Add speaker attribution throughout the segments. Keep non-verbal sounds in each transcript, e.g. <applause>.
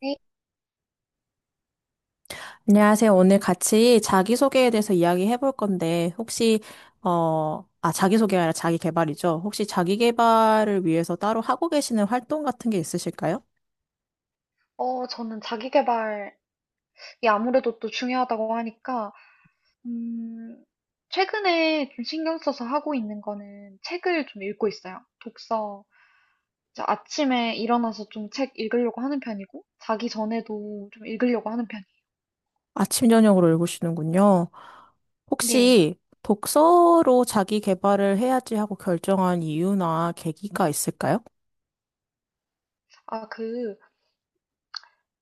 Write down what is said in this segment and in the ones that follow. Speaker 1: 네.
Speaker 2: 안녕하세요. 오늘 같이 자기소개에 대해서 이야기해 볼 건데, 혹시, 자기소개가 아니라 자기개발이죠. 혹시 자기개발을 위해서 따로 하고 계시는 활동 같은 게 있으실까요?
Speaker 1: 저는 자기계발이 아무래도 또 중요하다고 하니까, 음, 최근에 좀 신경 써서 하고 있는 거는 책을 좀 읽고 있어요. 독서. 이제 아침에 일어나서 좀 책 읽으려고 하는 편이고, 자기 전에도 좀 읽으려고 하는 편이에요.
Speaker 2: 아침, 저녁으로 읽으시는군요.
Speaker 1: 네.
Speaker 2: 혹시 독서로 자기개발을 해야지 하고 결정한 이유나 계기가 있을까요?
Speaker 1: 아, 그,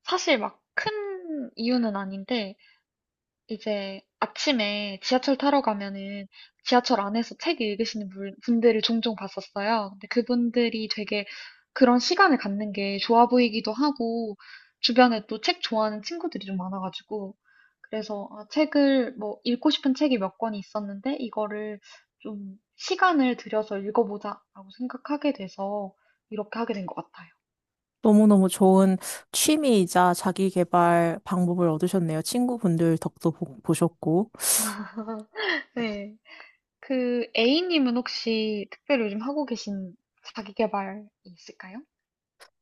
Speaker 1: 사실 막 큰 이유는 아닌데, 이제 아침에 지하철 타러 가면은 지하철 안에서 책 읽으시는 분들을 종종 봤었어요. 근데 그분들이 되게 그런 시간을 갖는 게 좋아 보이기도 하고, 주변에 또 책 좋아하는 친구들이 좀 많아가지고, 그래서 책을, 뭐, 읽고 싶은 책이 몇 권이 있었는데, 이거를 좀 시간을 들여서 읽어보자라고 생각하게 돼서 이렇게 하게 된 것 같아요.
Speaker 2: 너무너무 좋은 취미이자 자기개발 방법을 얻으셨네요. 친구분들 덕도 보셨고.
Speaker 1: <laughs> 네. 그 A님은 혹시 특별히 요즘 하고 계신 자기계발이 있을까요?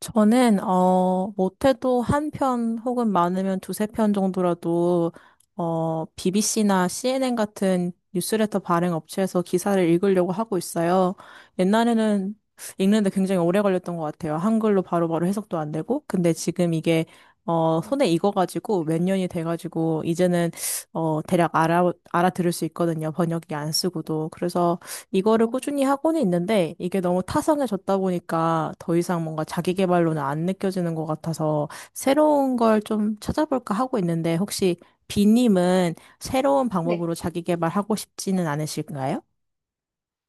Speaker 2: 저는, 못해도 한 편 혹은 많으면 두세 편 정도라도, BBC나 CNN 같은 뉴스레터 발행 업체에서 기사를 읽으려고 하고 있어요. 옛날에는 읽는데 굉장히 오래 걸렸던 것 같아요. 한글로 바로바로 해석도 안 되고. 근데 지금 이게, 손에
Speaker 1: 음,
Speaker 2: 익어가지고 몇 년이 돼가지고, 이제는, 대략 알아들을 수 있거든요. 번역기 안 쓰고도. 그래서, 이거를
Speaker 1: 어,
Speaker 2: 꾸준히 하고는 있는데 이게 너무 타성해졌다 보니까 더 이상 뭔가 자기 개발로는 안 느껴지는 것 같아서 새로운 걸 좀 찾아볼까 하고 있는데 혹시 비님은 새로운
Speaker 1: 네.
Speaker 2: 방법으로 자기 개발하고 싶지는 않으실까요?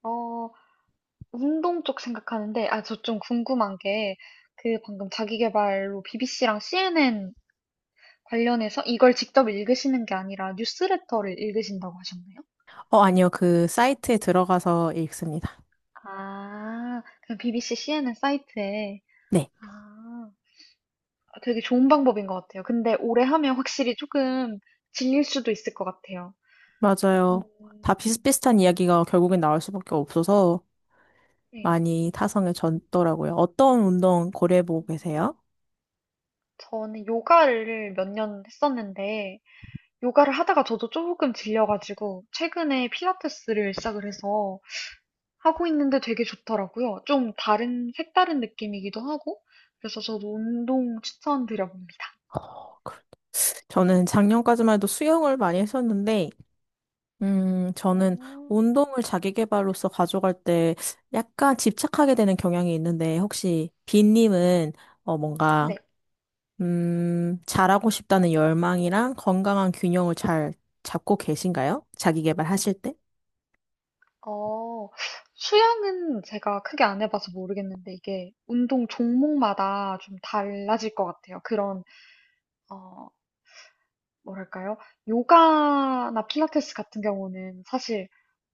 Speaker 1: 어, 운동 쪽 생각하는데, 저 좀 궁금한 게, 그 방금 자기계발로 BBC랑 CNN 관련해서 이걸 직접 읽으시는 게 아니라 뉴스레터를 읽으신다고 하셨나요?
Speaker 2: 아니요. 그 사이트에 들어가서 읽습니다.
Speaker 1: 아, 그냥 BBC, CNN 사이트에.
Speaker 2: 네,
Speaker 1: 아, 되게 좋은 방법인 것 같아요. 근데 오래 하면 확실히 조금 질릴 수도 있을 것 같아요. 음,
Speaker 2: 맞아요. 다 비슷비슷한 이야기가 결국엔 나올 수밖에 없어서
Speaker 1: 네.
Speaker 2: 많이 타성해졌더라고요. 어떤 운동 고려해보고
Speaker 1: 음.
Speaker 2: 계세요?
Speaker 1: 저는 요가를 몇 년 했었는데, 요가를 하다가 저도 조금 질려가지고, 최근에 필라테스를 시작을 해서 하고 있는데 되게 좋더라고요. 좀 다른, 색다른 느낌이기도 하고, 그래서 저도 운동 추천드려봅니다.
Speaker 2: 어, 그- 저는 작년까지만 해도 수영을 많이 했었는데 저는
Speaker 1: 음.
Speaker 2: 운동을 자기 개발로서 가져갈 때 약간 집착하게 되는 경향이 있는데, 혹시 빈님은 어, 뭔가,
Speaker 1: 네,
Speaker 2: 잘하고 싶다는 열망이랑 건강한 균형을 잘 잡고 계신가요? 자기 개발 하실 때?
Speaker 1: 어, 수영은 제가 크게 안 해봐서 모르겠는데, 이게 운동 종목마다 좀 달라질 것 같아요. 그런, 어, 뭐랄까요? 요가나 필라테스 같은 경우는 사실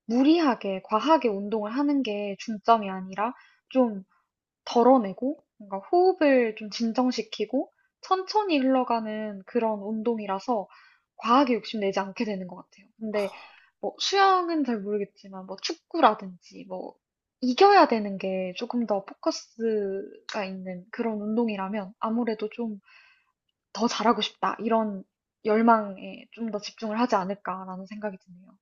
Speaker 1: 무리하게 과하게 운동을 하는 게 중점이 아니라 좀 덜어내고 뭔가 호흡을 좀 진정시키고 천천히 흘러가는 그런 운동이라서 과하게 욕심내지 않게 되는 것 같아요. 근데 뭐 수영은 잘 모르겠지만 뭐 축구라든지 뭐 이겨야 되는 게 조금 더 포커스가 있는 그런 운동이라면 아무래도 좀 더 잘하고 싶다 이런 열망에 좀 더 집중을 하지 않을까라는 생각이 드네요.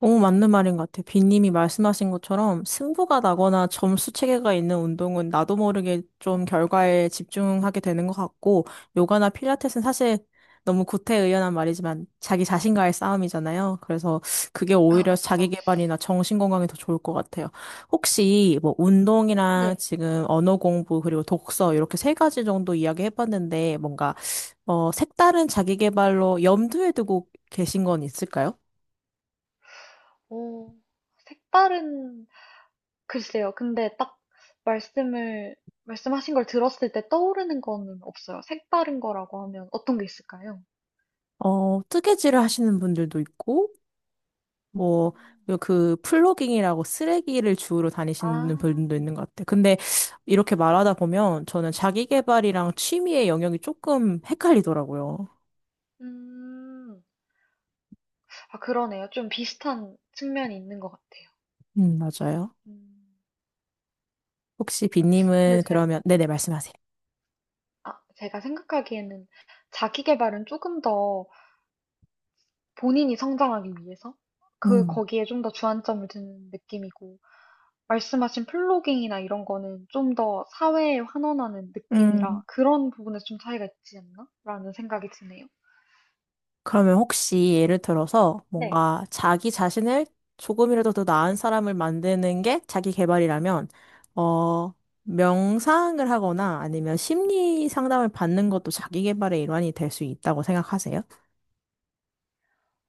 Speaker 2: 너무 맞는 말인 것 같아요. 빈님이 말씀하신 것처럼 승부가 나거나 점수 체계가 있는 운동은 나도 모르게 좀 결과에 집중하게 되는 것 같고, 요가나 필라테스는 사실 너무 구태의연한 말이지만 자기 자신과의 싸움이잖아요. 그래서 그게
Speaker 1: 아,
Speaker 2: 오히려 자기
Speaker 1: 맞죠.
Speaker 2: 개발이나 정신 건강에 더 좋을 것 같아요. 혹시 뭐 운동이랑
Speaker 1: 네.
Speaker 2: 지금 언어 공부 그리고 독서 이렇게 세 가지 정도 이야기 해봤는데 뭔가 색다른 자기 개발로 염두에 두고 계신 건 있을까요?
Speaker 1: 오, 색다른, 글쎄요. 근데 딱 말씀을, 말씀하신 걸 들었을 때 떠오르는 거는 없어요. 색다른 거라고 하면 어떤 게 있을까요?
Speaker 2: 뜨개질을 하시는 분들도 있고,
Speaker 1: 어.
Speaker 2: 뭐, 그 플로깅이라고 쓰레기를 주우러
Speaker 1: 아,
Speaker 2: 다니시는 분도 있는 것 같아요. 근데 이렇게 말하다 보면 저는 자기 개발이랑 취미의 영역이 조금 헷갈리더라고요.
Speaker 1: 음. 아, 그러네요. 좀 비슷한 측면이 있는 것 같아요.
Speaker 2: 맞아요.
Speaker 1: 음.
Speaker 2: 혹시
Speaker 1: 근데
Speaker 2: 빈님은
Speaker 1: 제,
Speaker 2: 그러면,
Speaker 1: 네.
Speaker 2: 네네, 말씀하세요.
Speaker 1: 아, 제가 생각하기에는 자기 개발은 조금 더 본인이 성장하기 위해서
Speaker 2: 음.
Speaker 1: 거기에 좀 더 주안점을 두는 느낌이고, 말씀하신 플로깅이나 이런 거는 좀 더 사회에 환원하는 느낌이라
Speaker 2: 음.
Speaker 1: 그런 부분에서 좀 차이가 있지 않나? 라는 생각이 드네요.
Speaker 2: 그러면 혹시 예를
Speaker 1: 음.
Speaker 2: 들어서
Speaker 1: 네.
Speaker 2: 뭔가 자기 자신을 조금이라도 더 나은 사람을 만드는 게 자기 개발이라면, 어, 명상을 하거나 아니면 심리 상담을 받는 것도 자기 개발의 일환이 될 수 있다고 생각하세요?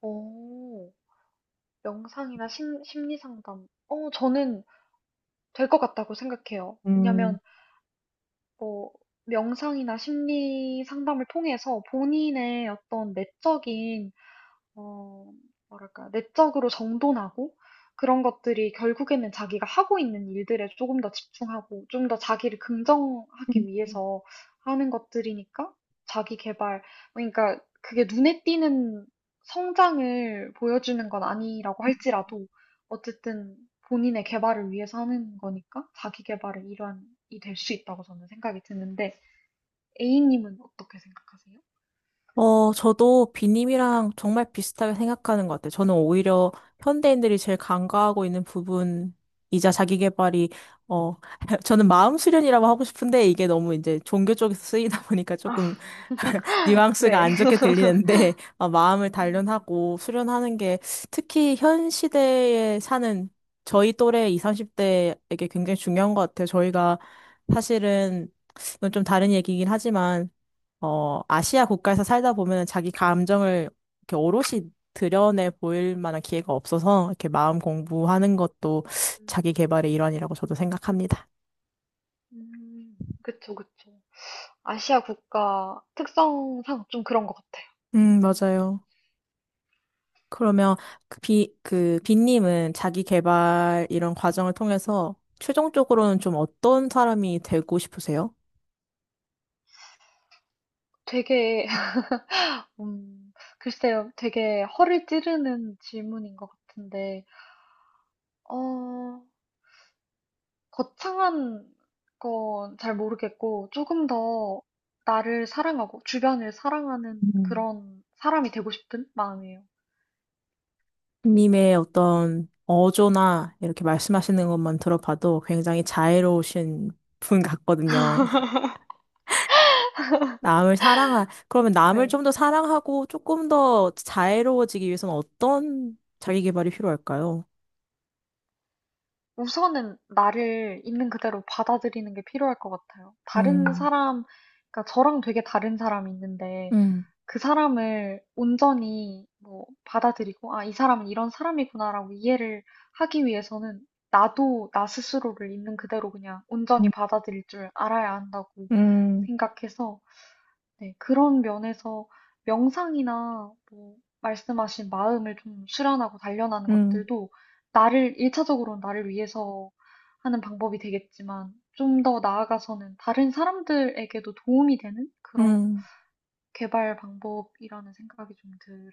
Speaker 1: 오, 명상이나 심리 상담. 저는 될 것 같다고 생각해요. 왜냐면, 뭐, 명상이나 심리 상담을 통해서 본인의 어떤 내적인 어, 뭐랄까, 내적으로 정돈하고 그런 것들이 결국에는 자기가 하고 있는 일들에 조금 더 집중하고 좀 더 자기를 긍정하기 위해서 하는 것들이니까 자기 개발, 그러니까 그게 눈에 띄는 성장을 보여주는 건 아니라고 할지라도 어쨌든 본인의 개발을 위해서 하는 거니까 자기 개발의 일환이 될 수 있다고 저는 생각이 드는데 A님은 어떻게 생각하세요?
Speaker 2: 저도 비님이랑 정말 비슷하게 생각하는 것 같아요. 저는 오히려 현대인들이 제일 간과하고 있는 부분이자 자기개발이 어, <laughs> 저는 마음 수련이라고 하고 싶은데 이게 너무 이제 종교 쪽에서 쓰이다 보니까 조금
Speaker 1: <laughs>
Speaker 2: <laughs> 뉘앙스가
Speaker 1: 네.
Speaker 2: 안 좋게 들리는데, <laughs> 마음을
Speaker 1: 음,
Speaker 2: 단련하고 수련하는 게 특히 현 시대에 사는 저희 또래 20, 30대에게 굉장히 중요한 것 같아요. 저희가 사실은 이건 좀 다른 얘기긴 하지만 아시아 국가에서 살다 보면 자기 감정을 이렇게 오롯이 드러내 보일 만한 기회가 없어서 이렇게 마음 공부하는 것도 자기
Speaker 1: 음.
Speaker 2: 개발의 일환이라고 저도 생각합니다.
Speaker 1: 그쵸, 그쵸. 아시아 국가 특성상 좀 그런 것 같아요. 음,
Speaker 2: 맞아요. 그러면 그 비님은 자기 개발 이런 과정을 통해서 최종적으로는 좀 어떤 사람이 되고 싶으세요?
Speaker 1: 되게, <laughs> 음, 글쎄요, 되게 허를 찌르는 질문인 것 같은데, 어, 거창한 건 잘 모르겠고, 조금 더 나를 사랑하고, 주변을 사랑하는
Speaker 2: 음.
Speaker 1: 그런 사람이 되고 싶은 마음이에요.
Speaker 2: 님의 어떤 어조나 이렇게 말씀하시는 것만 들어봐도 굉장히 자애로우신 분 같거든요. 그러면 남을
Speaker 1: 네.
Speaker 2: 좀 더 사랑하고 조금 더 자애로워지기 위해서는 어떤 자기 개발이 필요할까요?
Speaker 1: 우선은 나를 있는 그대로 받아들이는 게 필요할 것 같아요. 다른
Speaker 2: 음,
Speaker 1: 사람, 그러니까 저랑 되게 다른 사람이 있는데
Speaker 2: 음,
Speaker 1: 그 사람을 온전히 뭐 받아들이고, 아, 이 사람은 이런 사람이구나라고 이해를 하기 위해서는 나도 나 스스로를 있는 그대로 그냥 온전히
Speaker 2: 음,
Speaker 1: 받아들일 줄 알아야 한다고
Speaker 2: 음,
Speaker 1: 생각해서 네, 그런 면에서 명상이나 뭐 말씀하신 마음을 좀 수련하고 단련하는
Speaker 2: 음,
Speaker 1: 것들도 나를, 일차적으로는 나를 위해서 하는 방법이 되겠지만 좀 더 나아가서는 다른 사람들에게도 도움이 되는 그런
Speaker 2: 음.
Speaker 1: 개발 방법이라는 생각이 좀 들어요.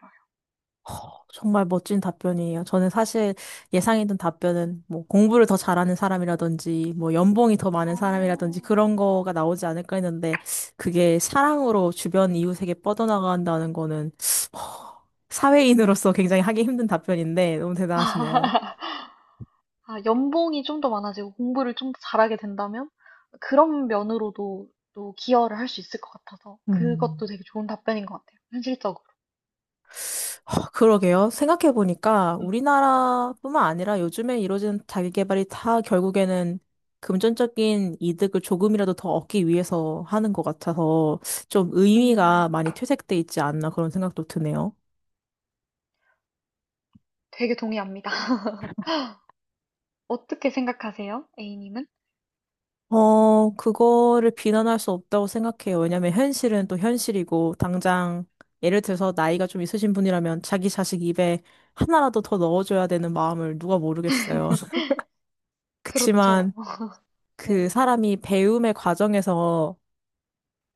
Speaker 2: 허, 정말 멋진 답변이에요. 저는 사실 예상했던 답변은 뭐 공부를 더 잘하는 사람이라든지 뭐 연봉이 더 많은 사람이라든지
Speaker 1: 어,
Speaker 2: 그런 거가 나오지 않을까 했는데 그게 사랑으로 주변 이웃에게 뻗어나간다는 거는 사회인으로서 <laughs> 굉장히 하기 힘든 답변인데 너무 대단하시네요.
Speaker 1: 아, 연봉이 좀 더 많아지고 공부를 좀 더 잘하게 된다면 그런 면으로도 또 기여를 할 수 있을 것 같아서
Speaker 2: 음.
Speaker 1: 그것도 되게 좋은 답변인 것 같아요. 현실적으로.
Speaker 2: 아, 그러게요. 생각해보니까
Speaker 1: 음.
Speaker 2: 우리나라뿐만 아니라 요즘에 이루어진 자기계발이 다 결국에는 금전적인 이득을 조금이라도 더 얻기 위해서 하는 것 같아서 좀 의미가
Speaker 1: 음.
Speaker 2: 많이 퇴색돼 있지 않나 그런 생각도 드네요.
Speaker 1: 되게 동의합니다. <laughs> 어떻게 생각하세요? A님은?
Speaker 2: 그거를 비난할 수 없다고 생각해요. 왜냐면 현실은 또 현실이고 당장 예를 들어서 나이가 좀 있으신 분이라면 자기 자식 입에 하나라도 더 넣어줘야 되는 마음을 누가 모르겠어요. <laughs>
Speaker 1: 그렇죠.
Speaker 2: 그치만
Speaker 1: <laughs>
Speaker 2: 그
Speaker 1: 네.
Speaker 2: 사람이 배움의 과정에서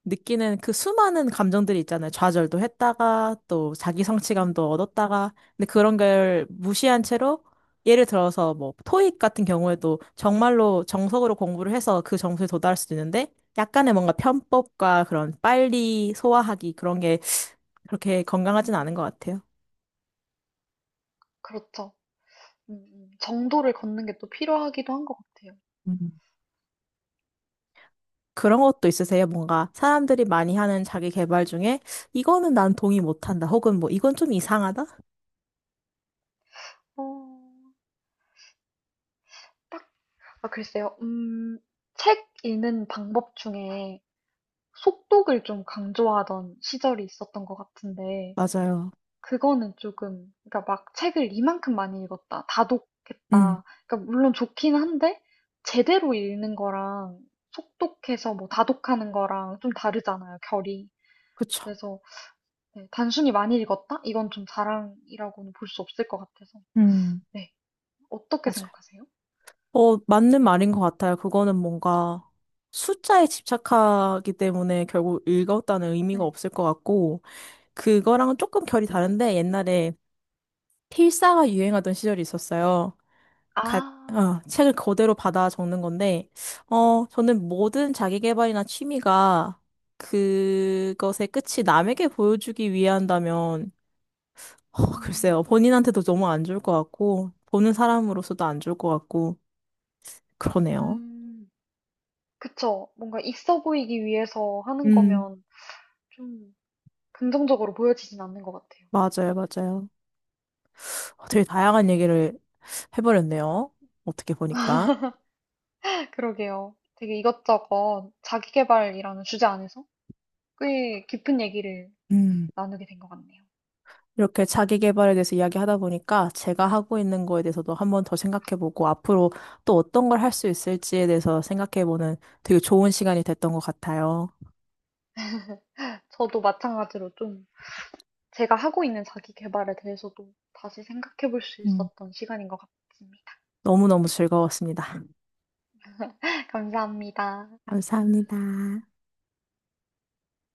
Speaker 2: 느끼는 그 수많은 감정들이 있잖아요. 좌절도 했다가 또 자기 성취감도
Speaker 1: 음,
Speaker 2: 얻었다가 근데 그런 걸 무시한 채로 예를 들어서 뭐 토익 같은 경우에도 정말로 정석으로 공부를 해서 그 점수에 도달할 수도 있는데 약간의 뭔가 편법과 그런 빨리 소화하기 그런 게 그렇게 건강하진 않은
Speaker 1: 음,
Speaker 2: 것 같아요.
Speaker 1: 그렇죠. 정도를 걷는 게 또 필요하기도 한 것 같아요.
Speaker 2: 음. 그런 것도 있으세요? 뭔가 사람들이 많이 하는 자기 개발 중에 이거는 난 동의 못한다. 혹은 뭐 이건 좀 이상하다?
Speaker 1: 어, 딱, 아, 글쎄요. 책 읽는 방법 중에 속독을 좀 강조하던 시절이 있었던 것 같은데,
Speaker 2: 맞아요.
Speaker 1: 그거는 조금, 그러니까 막 책을 이만큼 많이 읽었다,
Speaker 2: 음,
Speaker 1: 다독했다. 그러니까 물론 좋긴 한데, 제대로 읽는 거랑 속독해서 뭐 다독하는 거랑 좀 다르잖아요, 결이.
Speaker 2: 그쵸.
Speaker 1: 그래서 네, 단순히 많이 읽었다? 이건 좀 자랑이라고는 볼 수 없을 것 같아서. 네, 어떻게
Speaker 2: 맞아요.
Speaker 1: 생각하세요?
Speaker 2: 맞는 말인 것 같아요. 그거는 뭔가 숫자에 집착하기 때문에 결국 읽었다는 의미가
Speaker 1: 네.
Speaker 2: 없을 것 같고, 그거랑은 조금 결이 다른데, 옛날에 필사가 유행하던 시절이 있었어요. 가,
Speaker 1: 아,
Speaker 2: 책을 그대로 받아 적는 건데, 저는 모든 자기계발이나 취미가 그것의 끝이 남에게 보여주기 위한다면,
Speaker 1: 음,
Speaker 2: 글쎄요. 본인한테도 너무 안 좋을 것 같고, 보는 사람으로서도 안 좋을 것 같고, 그러네요.
Speaker 1: 음, 그쵸. 뭔가 있어 보이기 위해서 하는
Speaker 2: 음.
Speaker 1: 거면 좀 긍정적으로 보여지진 않는 것 같아요.
Speaker 2: 맞아요,
Speaker 1: 음.
Speaker 2: 맞아요. 되게 다양한 얘기를 해버렸네요. 어떻게 보니까.
Speaker 1: 그러게요. 되게 이것저것 자기계발이라는 주제 안에서 꽤 깊은 얘기를
Speaker 2: 음.
Speaker 1: 나누게 된 것 같네요.
Speaker 2: 이렇게 자기 개발에 대해서 이야기하다 보니까 제가 하고 있는 거에 대해서도 한번 더 생각해보고 앞으로 또 어떤 걸 할 수 있을지에 대해서 생각해보는 되게 좋은 시간이 됐던 것 같아요.
Speaker 1: 저도 마찬가지로 좀 제가 하고 있는 자기계발에 대해서도 다시 생각해 볼 수
Speaker 2: 음.
Speaker 1: 있었던 시간인 것 같습니다.
Speaker 2: 너무너무 즐거웠습니다.
Speaker 1: <laughs> 감사합니다.
Speaker 2: 감사합니다.